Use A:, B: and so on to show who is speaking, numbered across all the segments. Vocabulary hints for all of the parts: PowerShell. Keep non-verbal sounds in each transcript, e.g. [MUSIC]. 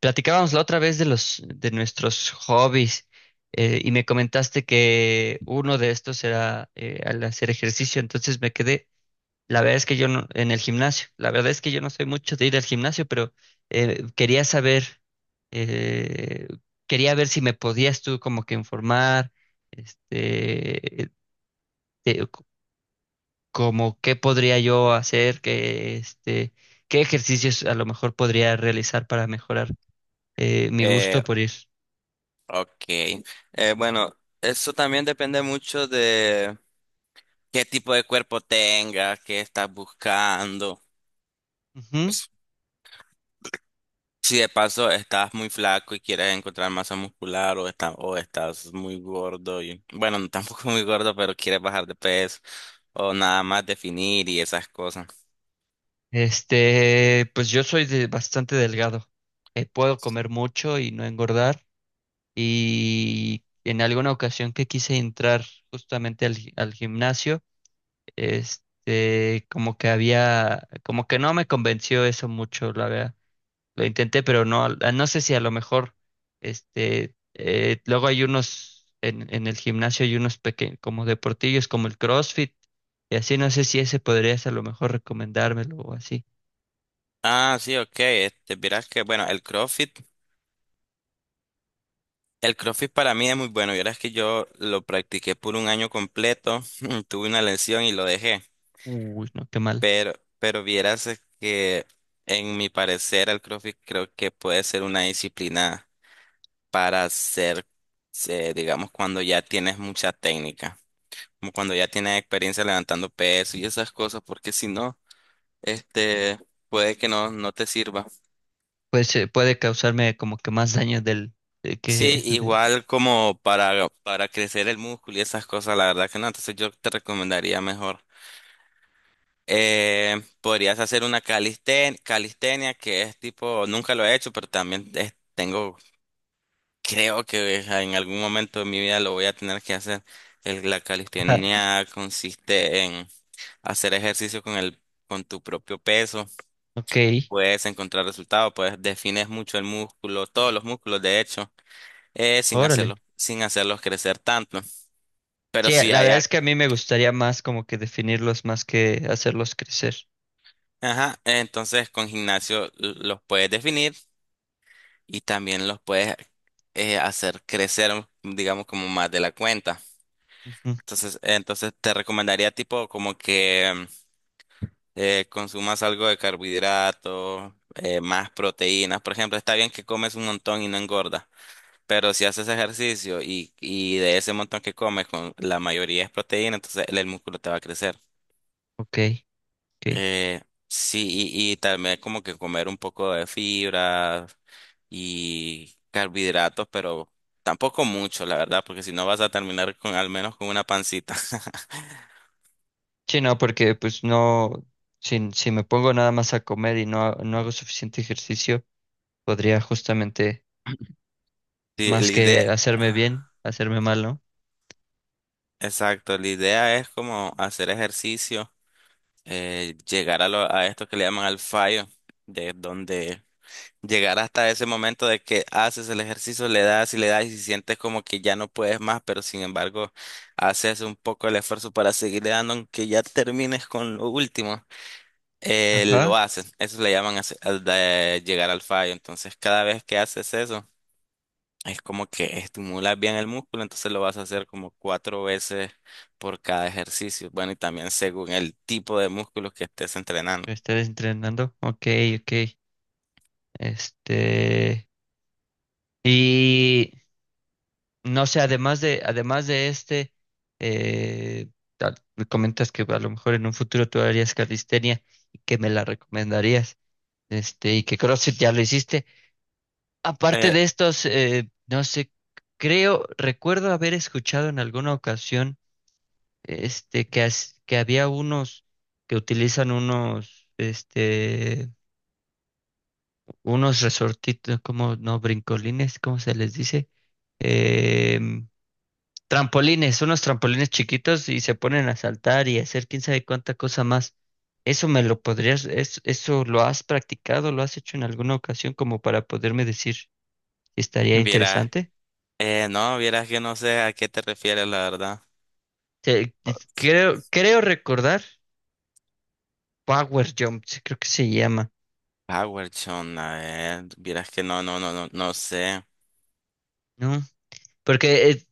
A: Platicábamos la otra vez de los de nuestros hobbies, y me comentaste que uno de estos era al hacer ejercicio, entonces me quedé. La verdad es que yo no, en el gimnasio, la verdad es que yo no soy mucho de ir al gimnasio, pero quería saber, eh, quería ver si me podías tú como que informar, este, de- c- como qué podría yo hacer, que qué ejercicios a lo mejor podría realizar para mejorar mi
B: Eh,
A: gusto por ir.
B: ok. Bueno, eso también depende mucho de qué tipo de cuerpo tengas, qué estás buscando.
A: Ujú.
B: Si de paso estás muy flaco y quieres encontrar masa muscular o, o estás muy gordo y bueno, no, [LAUGHS] tampoco muy gordo, pero quieres bajar de peso o nada más definir y esas cosas.
A: Pues yo soy bastante delgado. Puedo comer mucho y no engordar. Y en alguna ocasión que quise entrar justamente al, al gimnasio, como que había, como que no me convenció eso mucho, la verdad. Lo intenté, pero no, no sé si a lo mejor, luego hay unos, en el gimnasio hay unos pequeños, como deportillos, como el CrossFit, y así, no sé si ese podrías a lo mejor recomendármelo o así.
B: Ah, sí, ok. Este, verás que bueno, el CrossFit para mí es muy bueno. Verás que yo lo practiqué por un año completo, [LAUGHS] tuve una lesión y lo dejé.
A: Uy, no, qué mal.
B: Pero, pero vieras es que, en mi parecer, el CrossFit creo que puede ser una disciplina para hacer, digamos, cuando ya tienes mucha técnica, como cuando ya tienes experiencia levantando peso y esas cosas, porque si no, este, puede que no, no te sirva.
A: Pues puede causarme como que más daño del que...
B: Sí,
A: [LAUGHS] de-
B: igual como para crecer el músculo y esas cosas, la verdad que no, entonces yo te recomendaría mejor. Podrías hacer una calistenia, que es tipo, nunca lo he hecho, pero también tengo, creo que en algún momento de mi vida lo voy a tener que hacer. La
A: Ah,
B: calistenia consiste en hacer ejercicio con con tu propio peso.
A: ok,
B: Puedes encontrar resultados, puedes defines mucho el músculo, todos los músculos, de hecho, sin
A: órale.
B: hacerlo, sin hacerlos crecer tanto. Pero
A: Sí,
B: si
A: la
B: hay,
A: verdad es que a mí me gustaría más como que definirlos más que hacerlos crecer.
B: ajá, entonces con gimnasio los puedes definir y también los puedes hacer crecer, digamos, como más de la cuenta.
A: Ujú.
B: Entonces te recomendaría tipo como que consumas algo de carbohidratos, más proteínas. Por ejemplo, está bien que comes un montón y no engordas, pero si haces ejercicio y de ese montón que comes, con la mayoría es proteína, entonces el músculo te va a crecer.
A: Ok, ok.
B: Eh, sí, y también como que comer un poco de fibra y carbohidratos, pero tampoco mucho, la verdad, porque si no vas a terminar con al menos con una pancita. [LAUGHS]
A: Sí, no, porque pues no, si me pongo nada más a comer y no, no hago suficiente ejercicio, podría justamente
B: Sí,
A: más
B: la idea,
A: que hacerme bien,
B: ajá,
A: hacerme mal, ¿no?
B: exacto, la idea es como hacer ejercicio, llegar a esto que le llaman al fallo, de donde llegar hasta ese momento de que haces el ejercicio, le das y sientes como que ya no puedes más, pero sin embargo haces un poco el esfuerzo para seguirle dando, aunque ya termines con lo último, lo
A: Ajá,
B: haces. Eso le llaman al de llegar al fallo. Entonces cada vez que haces eso, es como que estimulas bien el músculo, entonces lo vas a hacer como cuatro veces por cada ejercicio. Bueno, y también según el tipo de músculos que estés entrenando.
A: estar entrenando. Ok, ok. Este… Y… No sé, además de eh, me comentas que a lo mejor en un futuro tú harías calistenia y que me la recomendarías, y que CrossFit ya lo hiciste. Aparte
B: Eh,
A: de estos, no sé, recuerdo haber escuchado en alguna ocasión, que, que había unos que utilizan unos, unos resortitos, como, no, brincolines, ¿cómo se les dice? Em, Trampolines, unos trampolines chiquitos y se ponen a saltar y a hacer quién sabe cuánta cosa más. Eso me lo podrías, eso lo has practicado, lo has hecho en alguna ocasión como para poderme decir si estaría
B: Vieras,
A: interesante.
B: no, vieras que no sé a qué te refieres, la verdad.
A: Creo recordar Power Jump, sí, creo que se llama,
B: PowerShell, a ver, vieras que no, no, no, no, no sé.
A: ¿no? Porque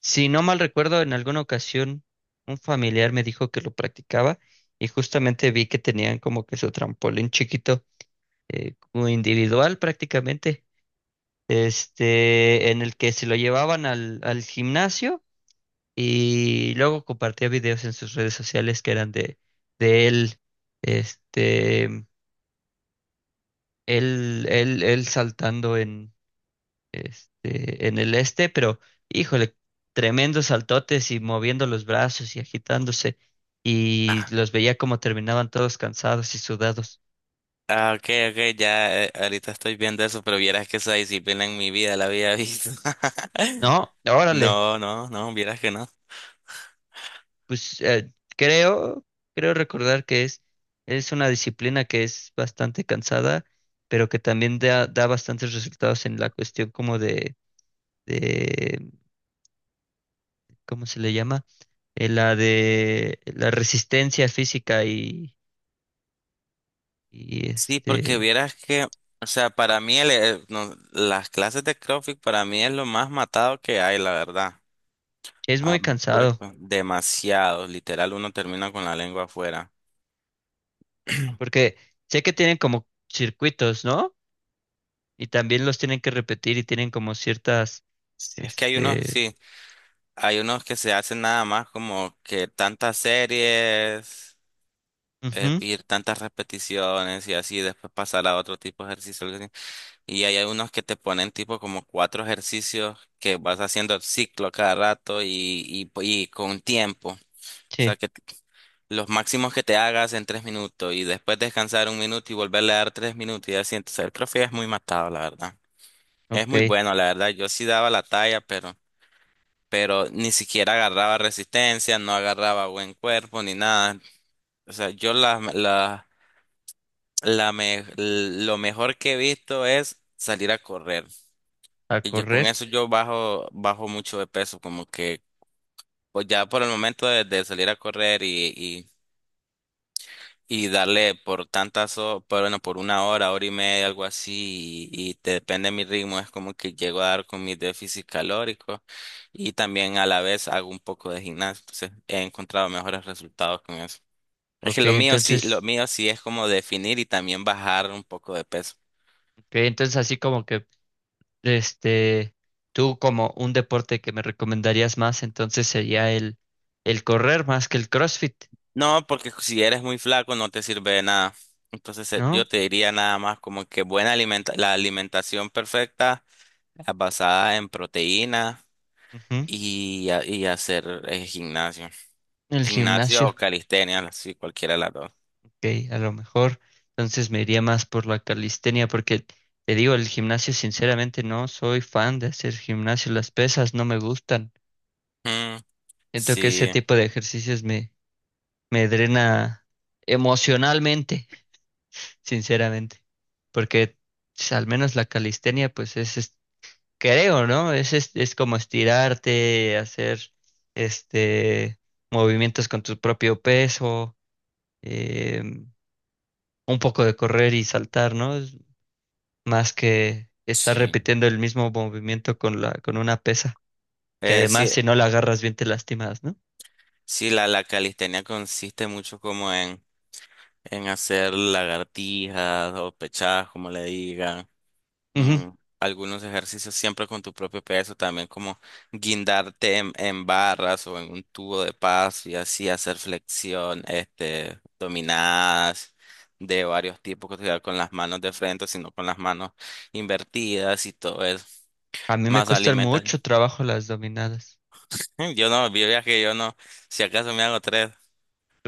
A: si no mal recuerdo, en alguna ocasión un familiar me dijo que lo practicaba y justamente vi que tenían como que su trampolín chiquito, como individual prácticamente, en el que se lo llevaban al, al gimnasio y luego compartía videos en sus redes sociales que eran de él, este, él saltando en, en el este, pero híjole, tremendos saltotes y moviendo los brazos y agitándose y
B: Ah,
A: los veía como terminaban todos cansados y sudados.
B: ah, ok, ok, ya, ahorita estoy viendo eso, pero vieras que esa disciplina en mi vida la había visto. [LAUGHS]
A: No, órale.
B: No, no, no, vieras que no.
A: Pues creo, creo recordar que es una disciplina que es bastante cansada, pero que también da, da bastantes resultados en la cuestión como de, ¿cómo se le llama? La de la resistencia física y
B: Sí, porque vieras que, o sea, para mí no, las clases de CrossFit para mí es lo más matado que hay, la verdad.
A: es
B: Ah,
A: muy cansado,
B: demasiado, literal, uno termina con la lengua afuera.
A: porque sé que tienen como circuitos, ¿no? Y también los tienen que repetir y tienen como ciertas,
B: Sí, es que hay unos,
A: este,
B: sí. Hay unos que se hacen nada más como que tantas series,
A: ujú,
B: y tantas repeticiones y así, después pasar a otro tipo de ejercicio. Algo así. Y hay unos que te ponen tipo como cuatro ejercicios que vas haciendo el ciclo cada rato y, y con tiempo. O sea,
A: sí,
B: que los máximos que te hagas en 3 minutos y después descansar 1 minuto y volverle a dar 3 minutos y así. Entonces, el profe es muy matado, la verdad. Es
A: ok,
B: muy bueno, la verdad. Yo sí daba la talla, pero ni siquiera agarraba resistencia, no agarraba buen cuerpo ni nada. O sea, yo lo mejor que he visto es salir a correr.
A: a
B: Y yo con
A: correr.
B: eso yo bajo mucho de peso, como que pues ya por el momento de salir a correr y darle por tantas, por, bueno, por una hora, hora y media, algo así, y te depende de mi ritmo, es como que llego a dar con mi déficit calórico y también a la vez hago un poco de gimnasio, entonces he encontrado mejores resultados con eso. Es que
A: Ok,
B: lo
A: entonces
B: mío sí es como definir y también bajar un poco de peso.
A: ok, entonces así como que, este, tú como un deporte que me recomendarías más, entonces sería el correr más que el CrossFit,
B: No, porque si eres muy flaco no te sirve de nada. Entonces yo
A: ¿no?
B: te diría nada más como que buena alimenta la alimentación perfecta, basada en proteínas
A: Ujú.
B: y hacer gimnasio.
A: El
B: Gimnasio
A: gimnasio,
B: o calistenia, sí, cualquiera de las dos.
A: ok, a lo mejor, entonces me iría más por la calistenia, porque te digo, el gimnasio, sinceramente, no soy fan de hacer gimnasio, las pesas no me gustan.
B: Mm,
A: Siento que ese
B: sí,
A: tipo de ejercicios me, me drena emocionalmente, sinceramente, porque al menos la calistenia, pues es creo, ¿no? Es como estirarte, hacer este movimientos con tu propio peso, eh, un poco de correr y saltar, ¿no? Es más que estar
B: sí.
A: repitiendo el mismo movimiento con la, con una pesa, que además
B: Sí,
A: si no la agarras bien te lastimas, ¿no?
B: sí, la calistenia consiste mucho como en hacer lagartijas o pechadas, como le digan.
A: Ujú.
B: mm, Algunos ejercicios siempre con tu propio peso, también como guindarte en barras o en un tubo de paso y así hacer flexión, este, dominadas de varios tipos, que sea con las manos de frente, sino con las manos invertidas y todo eso.
A: A mí me
B: Más
A: cuestan
B: alimentación.
A: mucho trabajo las dominadas.
B: [LAUGHS] Yo no, yo ya que yo no, si acaso me hago tres.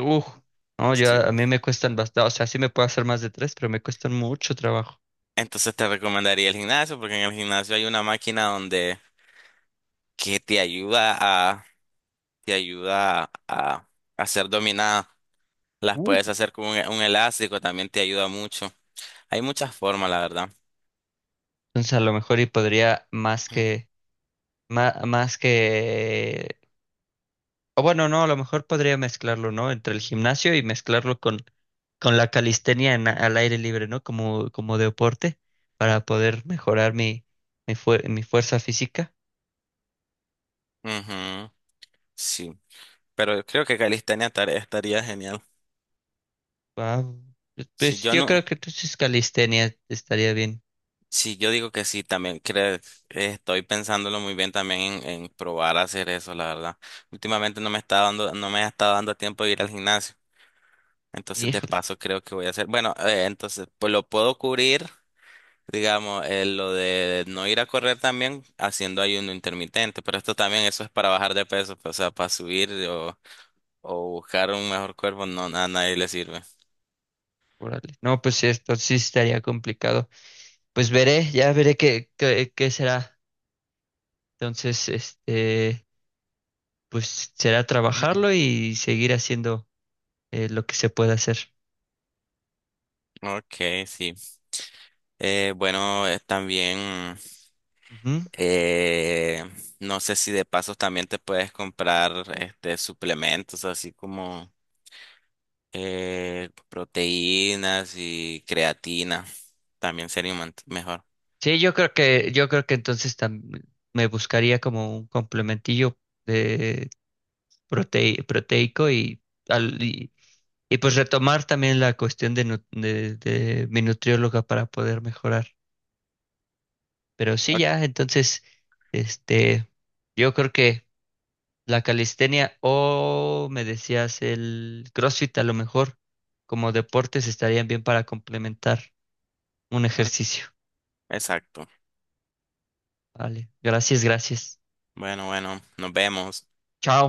A: Uf, no, yo
B: Sí.
A: a mí me cuestan bastante, o sea, sí me puedo hacer más de tres, pero me cuestan mucho trabajo.
B: Entonces te recomendaría el gimnasio, porque en el gimnasio hay una máquina donde que te ayuda a, te ayuda a, a hacer dominada. Las
A: Uh.
B: puedes hacer con un elástico, también te ayuda mucho. Hay muchas formas, la verdad.
A: Entonces a lo mejor y podría más que Má- más que... O bueno, no, a lo mejor podría mezclarlo, ¿no? Entre el gimnasio y mezclarlo con la calistenia al aire libre, ¿no? Como, como deporte, para poder mejorar mi, mi fuerza física.
B: Ujú, sí, pero yo creo que calistenia estaría genial.
A: Ah,
B: Si
A: pues
B: yo
A: yo creo
B: no,
A: que entonces calistenia estaría bien.
B: si yo digo que sí, también creo, estoy pensándolo muy bien también en probar a hacer eso, la verdad. Últimamente no me está dando, no me ha estado dando tiempo de ir al gimnasio. Entonces, de
A: Híjole,
B: paso, creo que voy a hacer. Bueno, entonces, pues lo puedo cubrir. Digamos, lo de no ir a correr también haciendo ayuno intermitente, pero esto también eso es para bajar de peso, pues, o sea, para subir o, buscar un mejor cuerpo, no, a nadie le sirve.
A: órale. No, pues sí, esto sí estaría complicado. Pues veré, ya veré qué, qué, qué será. Entonces, pues será trabajarlo
B: [LAUGHS]
A: y seguir haciendo lo que se pueda hacer.
B: Ok, sí. Bueno, también,
A: Ujú.
B: eh, no sé si de pasos también te puedes comprar este suplementos, así como proteínas y creatina, también sería un mejor.
A: Sí, yo creo que entonces me buscaría como un complementillo de proteico y, al- y, y pues retomar también la cuestión de, de mi nutrióloga para poder mejorar. Pero sí,
B: Ok,
A: ya, entonces, este, yo creo que la calistenia o me decías el CrossFit a lo mejor como deportes estarían bien para complementar un
B: ok,
A: ejercicio.
B: exacto.
A: Vale, gracias, gracias.
B: Bueno, bueno, nos vemos.
A: Chao.